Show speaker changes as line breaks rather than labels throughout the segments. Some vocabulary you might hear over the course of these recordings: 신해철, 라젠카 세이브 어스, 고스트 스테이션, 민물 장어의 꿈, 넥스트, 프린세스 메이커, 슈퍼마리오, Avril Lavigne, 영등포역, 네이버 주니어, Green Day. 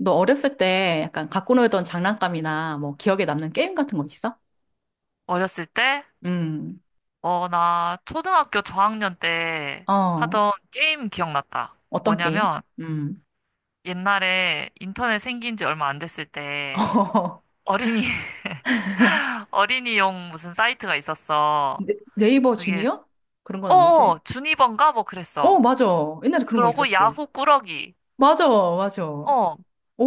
너 어렸을 때 약간 갖고 놀던 장난감이나 뭐 기억에 남는 게임 같은 거 있어?
어렸을 때?
음,
어, 나 초등학교 저학년 때
어,
하던 게임 기억났다.
어떤 게임?
뭐냐면
음,
옛날에 인터넷 생긴 지 얼마 안 됐을 때
어,
어린이, 어린이용 무슨 사이트가 있었어.
네, 네이버
그게,
주니어? 그런 건 아니지?
주니번가? 뭐
어,
그랬어.
맞아. 옛날에 그런 거
그러고
있었지.
야후 꾸러기.
맞아, 맞아.
어.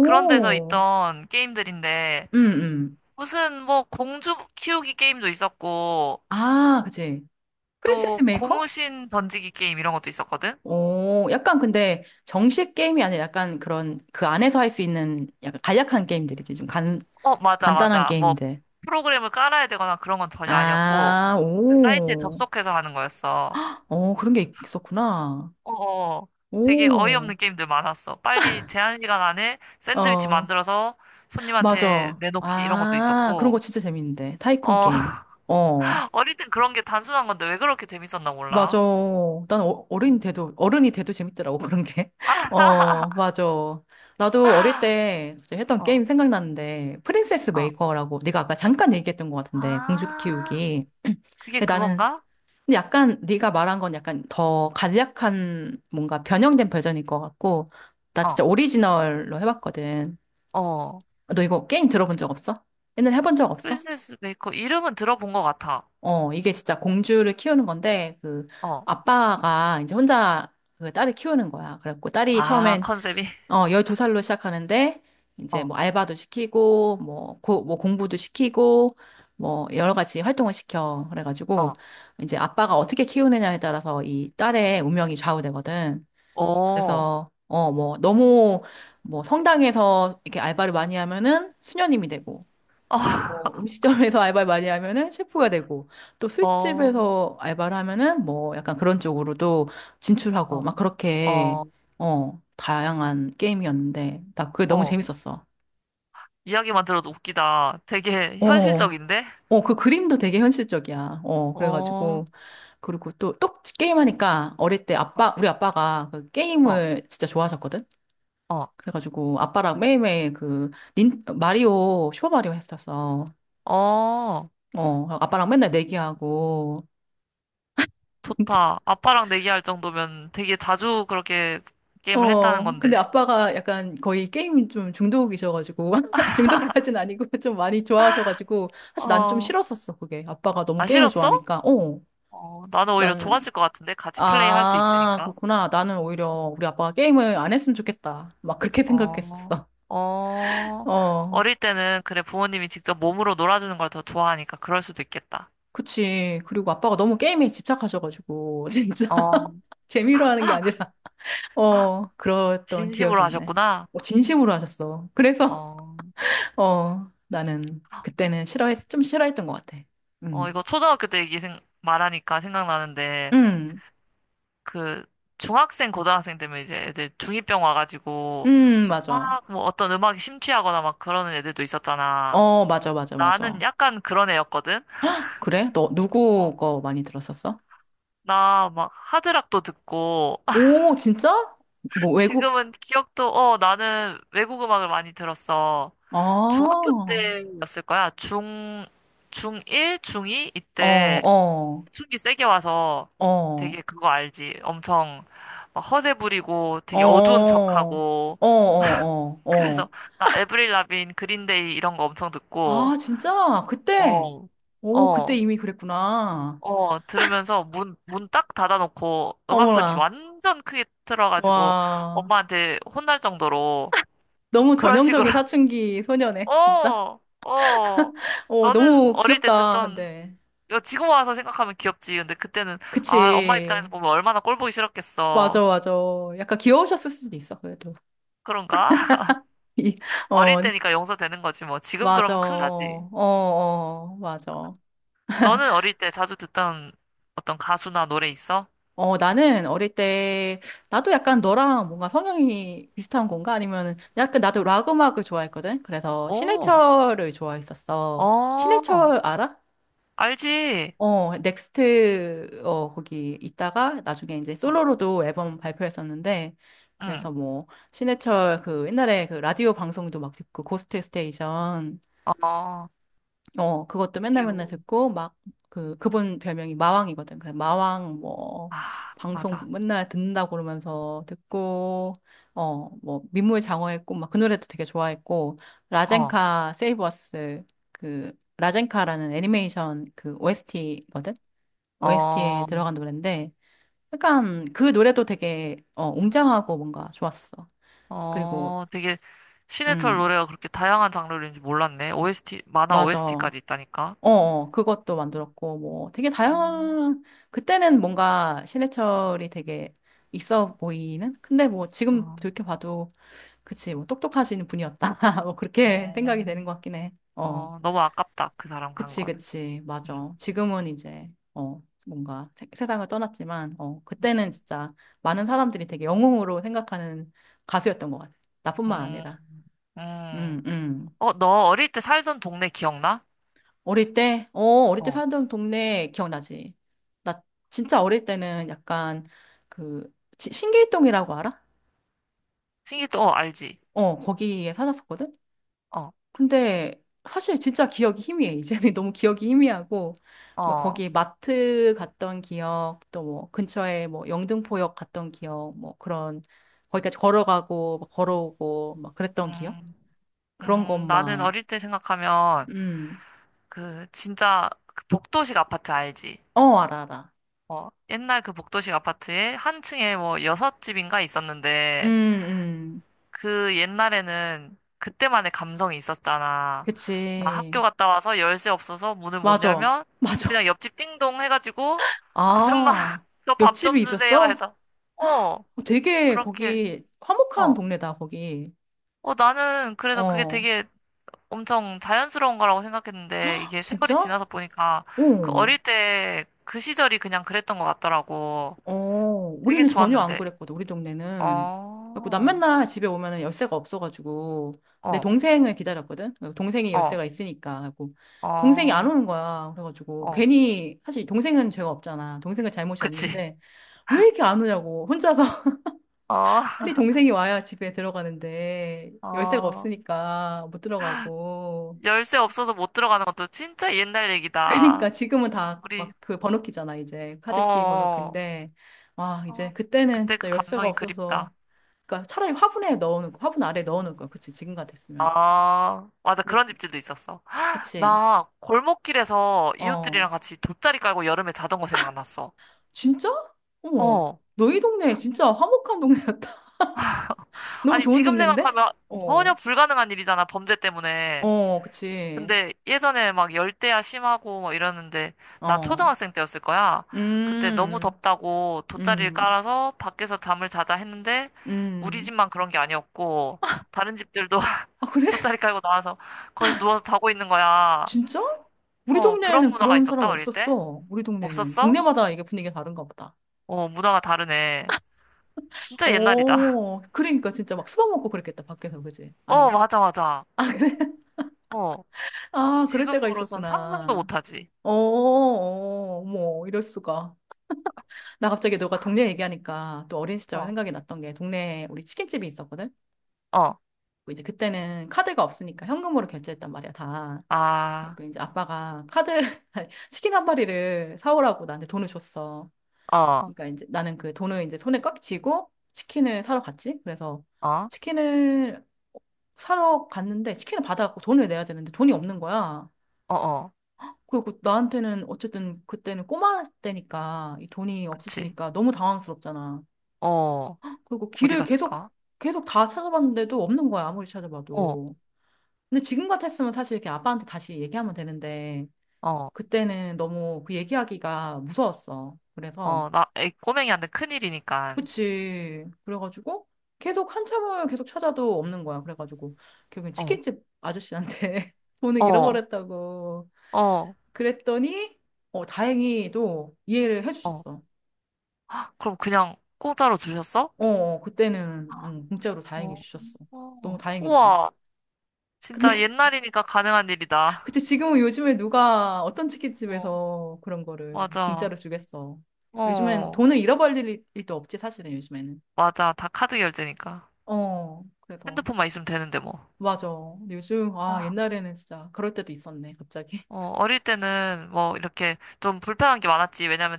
그런 데서 있던 게임들인데
음, 음.
무슨 뭐 공주 키우기 게임도 있었고
아, 그치. 프린세스
또
메이커?
고무신 던지기 게임 이런 것도 있었거든?
오, 약간 근데 정식 게임이 아니라 약간 그런 그 안에서 할 수 있는 약간 간략한 게임들이지. 좀 간,
어, 맞아,
간단한
맞아. 뭐,
게임들.
프로그램을 깔아야 되거나 그런 건 전혀 아니었고,
아,
그 사이트에
오.
접속해서 하는 거였어.
어, 그런 게 있었구나.
어어. 되게
오,
어이없는 게임들 많았어. 빨리 제한 시간 안에 샌드위치
어,
만들어서 손님한테
맞아.
내놓기 이런 것도
아, 그런 거
있었고,
진짜 재밌는데. 타이쿤
어,
게임. 어,
어릴 땐 그런 게 단순한 건데 왜 그렇게 재밌었나
맞아.
몰라.
난 어,
어,
어른이 돼도, 어른이 돼도 재밌더라고, 그런 게. 어, 맞아. 나도 어릴 때 갑자기 했던
어.
게임 생각나는데, 프린세스
어.
메이커라고, 네가 아까 잠깐 얘기했던 것 같은데, 공주
아,
키우기.
그게
근데 나는
그건가?
근데 약간 네가 말한 건 약간 더 간략한 뭔가 변형된 버전일 것 같고 나
어,
진짜 오리지널로 해봤거든.
어.
너 이거 게임 들어본 적 없어? 옛날에 해본 적 없어?
프린세스 메이커 이름은 들어본 것 같아.
어, 이게 진짜 공주를 키우는 건데, 그,
어.
아빠가 이제 혼자 그 딸을 키우는 거야. 그래갖고 딸이
아,
처음엔,
컨셉이?
어, 12살로 시작하는데, 이제
어,
뭐 알바도 시키고, 뭐, 고, 뭐 공부도 시키고, 뭐 여러 가지 활동을 시켜. 그래가지고,
어.
이제 아빠가 어떻게 키우느냐에 따라서 이 딸의 운명이 좌우되거든.
어,
그래서, 어, 뭐, 너무, 뭐 성당에서 이렇게 알바를 많이 하면은 수녀님이 되고, 뭐 음식점에서 알바를 많이 하면은 셰프가 되고 또
어,
술집에서 알바를 하면은 뭐 약간 그런 쪽으로도 진출하고
어,
막 그렇게
어,
어 다양한 게임이었는데 나 그게 너무
어.
재밌었어.
이야기만 들어도 웃기다. 되게
어.
현실적인데?
어, 그 그림도 되게 현실적이야. 어,
어,
그래가지고. 그리고 또, 또 게임하니까 어릴 때
어,
아빠, 우리 아빠가 그
어,
게임을 진짜 좋아하셨거든?
어,
그래가지고 아빠랑 매일매일 그, 닌, 마리오, 슈퍼마리오 했었어.
어.
어, 아빠랑 맨날 내기하고.
좋다. 아빠랑 내기할 정도면 되게 자주 그렇게 게임을 했다는
어,
건데.
근데 아빠가 약간 거의 게임 좀 중독이셔가지고, 중독까진 아니고 좀 많이 좋아하셔가지고, 사실 난 좀
어,
싫었었어, 그게. 아빠가 너무
안
게임을
싫었어?
좋아하니까. 어,
어, 나는 오히려
나는,
좋았을 것 같은데? 같이 플레이 할 수
아,
있으니까.
그렇구나. 나는 오히려 우리 아빠가 게임을 안 했으면 좋겠다. 막 그렇게
어,
생각했었어.
어.
어,
어릴 때는 그래 부모님이 직접 몸으로 놀아주는 걸 더 좋아하니까 그럴 수도 있겠다.
그치. 그리고 아빠가 너무 게임에 집착하셔가지고, 진짜
어,
재미로 하는 게 아니라, 어, 그랬던
진심으로
기억이 있네.
하셨구나.
어, 진심으로 하셨어. 그래서,
어,
어, 나는 그때는 싫어했, 좀 싫어했던 것 같아.
어,
응,
이거 초등학교 때 얘기 말하니까 생각나는데,
응,
그, 중학생, 고등학생 되면 이제 애들 중이병 와가지고,
응,
막,
맞아.
뭐 어떤 음악에 심취하거나 막 그러는 애들도 있었잖아.
어, 맞아, 맞아,
나는
맞아.
약간 그런 애였거든?
그래? 너
어,
누구 거 많이 들었었어?
나 막 하드락도 듣고,
오, 진짜? 뭐 외국?
지금은 기억도, 어, 나는 외국 음악을 많이 들었어.
아,
중학교
어,
때였을 거야. 중1, 중2?
어,
이때
어,
사춘기 세게 와서
어,
되게 그거 알지? 엄청 막 허세 부리고 되게 어두운
어,
척하고
어, 어,
그래서
어.
나 에브릴 라빈 그린데이 이런 거 엄청 듣고
아, 진짜? 그때?
어.
오, 그때
어,
이미 그랬구나.
어, 들으면서 문 딱 닫아놓고 음악 소리
어머나,
완전 크게 틀어가지고
와,
엄마한테 혼날 정도로
너무
그런 식으로,
전형적인 사춘기 소녀네, 진짜.
어, 어,
어,
너는
너무
어릴 때
귀엽다,
듣던,
근데.
이거 지금 와서 생각하면 귀엽지. 근데 그때는, 아, 엄마 입장에서
그치.
보면 얼마나 꼴보기
맞아,
싫었겠어.
맞아. 약간 귀여우셨을 수도 있어, 그래도.
그런가?
이,
어릴
어,
때니까 용서되는 거지 뭐. 지금
맞아.
그러면 큰일 나지.
어, 어, 맞아.
너는 어릴 때 자주 듣던 어떤 가수나 노래 있어?
어, 나는 어릴 때, 나도 약간 너랑 뭔가 성향이 비슷한 건가? 아니면, 약간 나도 락 음악을 좋아했거든? 그래서
오,
신해철을 좋아했었어.
어,
신해철 알아?
알지.
어, 넥스트, 어, 거기 있다가 나중에 이제
어,
솔로로도 앨범 발표했었는데,
응,
그래서 뭐, 신해철 그 옛날에 그 라디오 방송도 막 듣고, 고스트 스테이션,
어,
어, 그것도 맨날 맨날
라디오.
듣고, 막, 그, 그분 별명이 마왕이거든. 그래서 마왕 뭐,
아,
방송
맞아.
맨날 듣는다고 그러면서 듣고, 어, 뭐, 민물 장어의 꿈, 막 그 노래도 되게 좋아했고,
어,
라젠카 세이브 어스, 그, 라젠카라는 애니메이션 그 OST거든? OST에
어,
들어간 노래인데 약간 그 노래도 되게 어, 웅장하고 뭔가 좋았어. 그리고
어, 되게 신해철
음
노래가 그렇게 다양한 장르인지 몰랐네. OST, 만화
맞아. 어,
OST까지 있다니까.
어 그것도 만들었고 뭐 되게
음,
다양한 그때는 뭔가 신해철이 되게 있어 보이는 근데 뭐 지금
어,
돌이켜봐도 그치 뭐 똑똑하신 분이었다 뭐 그렇게 생각이
음,
되는 것 같긴 해. 어.
어, 너무 아깝다. 그 사람 간
그치,
거는.
그치.
음,
맞아. 지금은 이제, 어, 뭔가 세, 세상을 떠났지만, 어,
음,
그때는 진짜 많은 사람들이 되게 영웅으로 생각하는 가수였던 것 같아. 나뿐만
음.
아니라. 음,
음.
음.
어, 너 어릴 때 살던 동네 기억나?
어릴 때, 어, 어릴 때
어,
살던 동네 기억나지? 나 진짜 어릴 때는 약간 그, 지- 신길동이라고 알아?
신기도, 어, 알지?
어, 거기에 살았었거든?
어,
근데 사실 진짜 기억이 희미해. 이제는 너무 기억이 희미하고, 막
어,
거기 마트 갔던 기억, 또 뭐 근처에 뭐 영등포역 갔던 기억, 뭐 그런, 거기까지 걸어가고, 막 걸어오고, 막 그랬던 기억?
음,
그런
나는
것만.
어릴 때 생각하면,
음,
그, 진짜, 그 복도식 아파트 알지?
어, 알아, 알아.
어, 옛날 그 복도식 아파트에 한 층에 뭐 여섯 집인가
음,
있었는데,
음.
그 옛날에는 그때만의 감성이 있었잖아. 나
그치.
학교 갔다 와서 열쇠 없어서 문을 못
맞아.
열면,
맞아.
그냥 옆집 띵동 해가지고, 아줌마,
아,
저 밥
옆집이
좀 주세요
있었어?
해서, 어,
어, 되게
그렇게,
거기 화목한
어
동네다, 거기.
어, 나는 그래서 그게
어,
되게 엄청 자연스러운 거라고 생각했는데 이게 세월이
진짜?
지나서 보니까 그
어.
어릴 때 그 시절이 그냥 그랬던 것 같더라고.
어,
되게
우리는 전혀 안
좋았는데.
그랬거든, 우리 동네는.
어,
그래갖고 난 맨날 집에 오면은 열쇠가 없어가지고, 내
어,
동생을 기다렸거든? 동생이
어,
열쇠가 있으니까. 그래갖고, 동생이 안
어,
오는 거야. 그래가지고,
어,
괜히, 사실 동생은 죄가 없잖아. 동생은 잘못이
그치.
없는데, 왜 이렇게 안 오냐고. 혼자서 빨리 동생이 와야 집에 들어가는데,
어,
열쇠가
어.
없으니까 못 들어가고.
열쇠 없어서 못 들어가는 것도 진짜 옛날
그러니까
얘기다.
지금은 다 막
우리,
그 번호키잖아, 이제.
어,
카드키
어,
번호키인데, 와,
어.
이제 그때는
그때 그
진짜 열쇠가
감성이 그립다.
없어서, 그러니까 차라리 화분에 넣어놓고 화분 아래 넣어놓을 거야. 그치? 지금 같았으면.
아, 맞아.
근데
그런 집들도 있었어.
그치?
나 골목길에서
어.
이웃들이랑 같이 돗자리 깔고 여름에 자던 거 생각났어.
진짜? 어머.
어.
너희 동네 진짜 화목한 동네였다. 너무
아니,
좋은
지금
동네인데?
생각하면 전혀
어.
불가능한 일이잖아, 범죄 때문에.
어, 그치.
근데 예전에 막 열대야 심하고 막 이러는데, 나
어.
초등학생 때였을 거야. 그때 너무
음.
덥다고 돗자리를
음.
깔아서 밖에서 잠을 자자 했는데, 우리
음.
집만 그런 게 아니었고, 다른 집들도
아, 그래?
돗자리 깔고 나와서 거기서 누워서 자고 있는 거야.
진짜? 우리
어, 그런
동네에는
문화가
그런 사람
있었다, 어릴 때?
없었어. 우리 동네는.
없었어?
동네마다 이게 분위기가 다른가 보다.
어, 문화가 다르네. 진짜 옛날이다.
어, 그러니까 진짜 막 수박 먹고 그랬겠다, 밖에서, 그지?
어,
아닌가?
맞아, 맞아.
아, 그래?
어,
아, 그럴 때가
지금으로선 상상도
있었구나.
못하지.
어, 어, 머 이럴 수가. 나 갑자기 너가 동네 얘기하니까 또 어린 시절
어,
생각이 났던 게 동네에 우리 치킨집이 있었거든?
어,
그 이제 그때는 카드가 없으니까 현금으로 결제했단 말이야, 다.
아,
그 이제 아빠가 카드, 아니, 치킨 한 마리를 사오라고 나한테 돈을 줬어.
어,
그러니까 이제 나는 그 돈을 이제 손에 꽉 쥐고 치킨을 사러 갔지. 그래서
어,
치킨을 사러 갔는데 치킨을 받아갖고 돈을 내야 되는데 돈이 없는 거야.
어, 어,
그리고 나한테는 어쨌든 그때는 꼬마 때니까 이 돈이
그치.
없어지니까 너무 당황스럽잖아.
어,
그리고
어디
길을 계속
갔을까?
계속 다 찾아봤는데도 없는 거야, 아무리
어,
찾아봐도. 근데 지금 같았으면 사실 이렇게 아빠한테 다시 얘기하면 되는데
어,
그때는 너무 그 얘기하기가 무서웠어. 그래서
어, 나, 애 꼬맹이 한테 큰일이니까.
그치. 그래가지고 계속 한참을 계속 찾아도 없는 거야. 그래가지고 결국엔
어,
치킨집 아저씨한테 돈을
어,
잃어버렸다고
어,
그랬더니 어, 다행히도 이해를
어.
해주셨어.
그럼 그냥 공짜로 주셨어?
어, 어, 그때는 공짜로 다행히
어,
주셨어. 너무
어.
다행이지.
우와, 진짜
근데
옛날이니까 가능한 일이다.
그치 지금은 요즘에 누가 어떤
어,
치킨집에서 그런 거를
맞아.
공짜로 주겠어. 요즘엔
어,
돈을 잃어버릴 일- 일도 없지 사실은 요즘에는.
맞아. 다 카드 결제니까.
어, 그래서
핸드폰만 있으면 되는데 뭐.
맞아. 근데 요즘 아
아.
옛날에는 진짜 그럴 때도 있었네 갑자기.
어, 어릴 때는 뭐 이렇게 좀 불편한 게 많았지. 왜냐면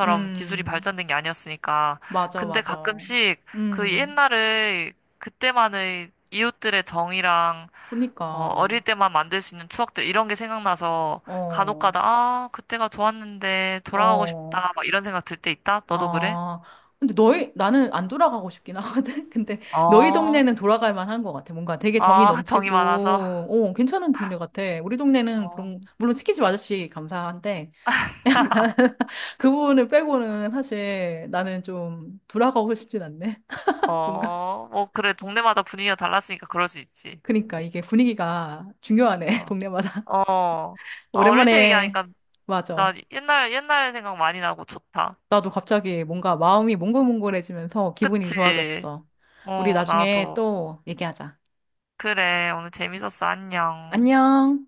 기술이
음,
발전된 게 아니었으니까.
맞아
근데
맞아.
가끔씩 그
음,
옛날의 그때만의 이웃들의 정이랑
그니까
어, 어릴 때만 만들 수 있는 추억들 이런 게 생각나서 간혹
어,
가다 아, 그때가 좋았는데 돌아가고
어.
싶다. 막 이런 생각 들 때 있다. 너도 그래?
아, 근데 너희, 나는 안 돌아가고 싶긴 하거든? 근데 너희
어,
동네는 돌아갈 만한 것 같아. 뭔가 되게 정이
아, 정이 많아서.
넘치고, 어, 괜찮은 동네 같아. 우리 동네는
어,
그런, 물론 치킨집 아저씨 감사한데, 그분을 부 빼고는 사실 나는 좀 돌아가고 싶진 않네. 뭔가.
어, 뭐 그래. 동네마다 분위기가 달랐으니까 그럴 수 있지.
그러니까 이게 분위기가 중요하네,
어,
동네마다.
어. 아, 어릴 때
오랜만에,
얘기하니까 나
맞아.
옛날, 옛날 생각 많이 나고 좋다.
나도 갑자기 뭔가 마음이 몽글몽글해지면서 기분이
그치?
좋아졌어. 우리
어,
나중에
나도.
또 얘기하자.
그래, 오늘 재밌었어. 안녕.
안녕.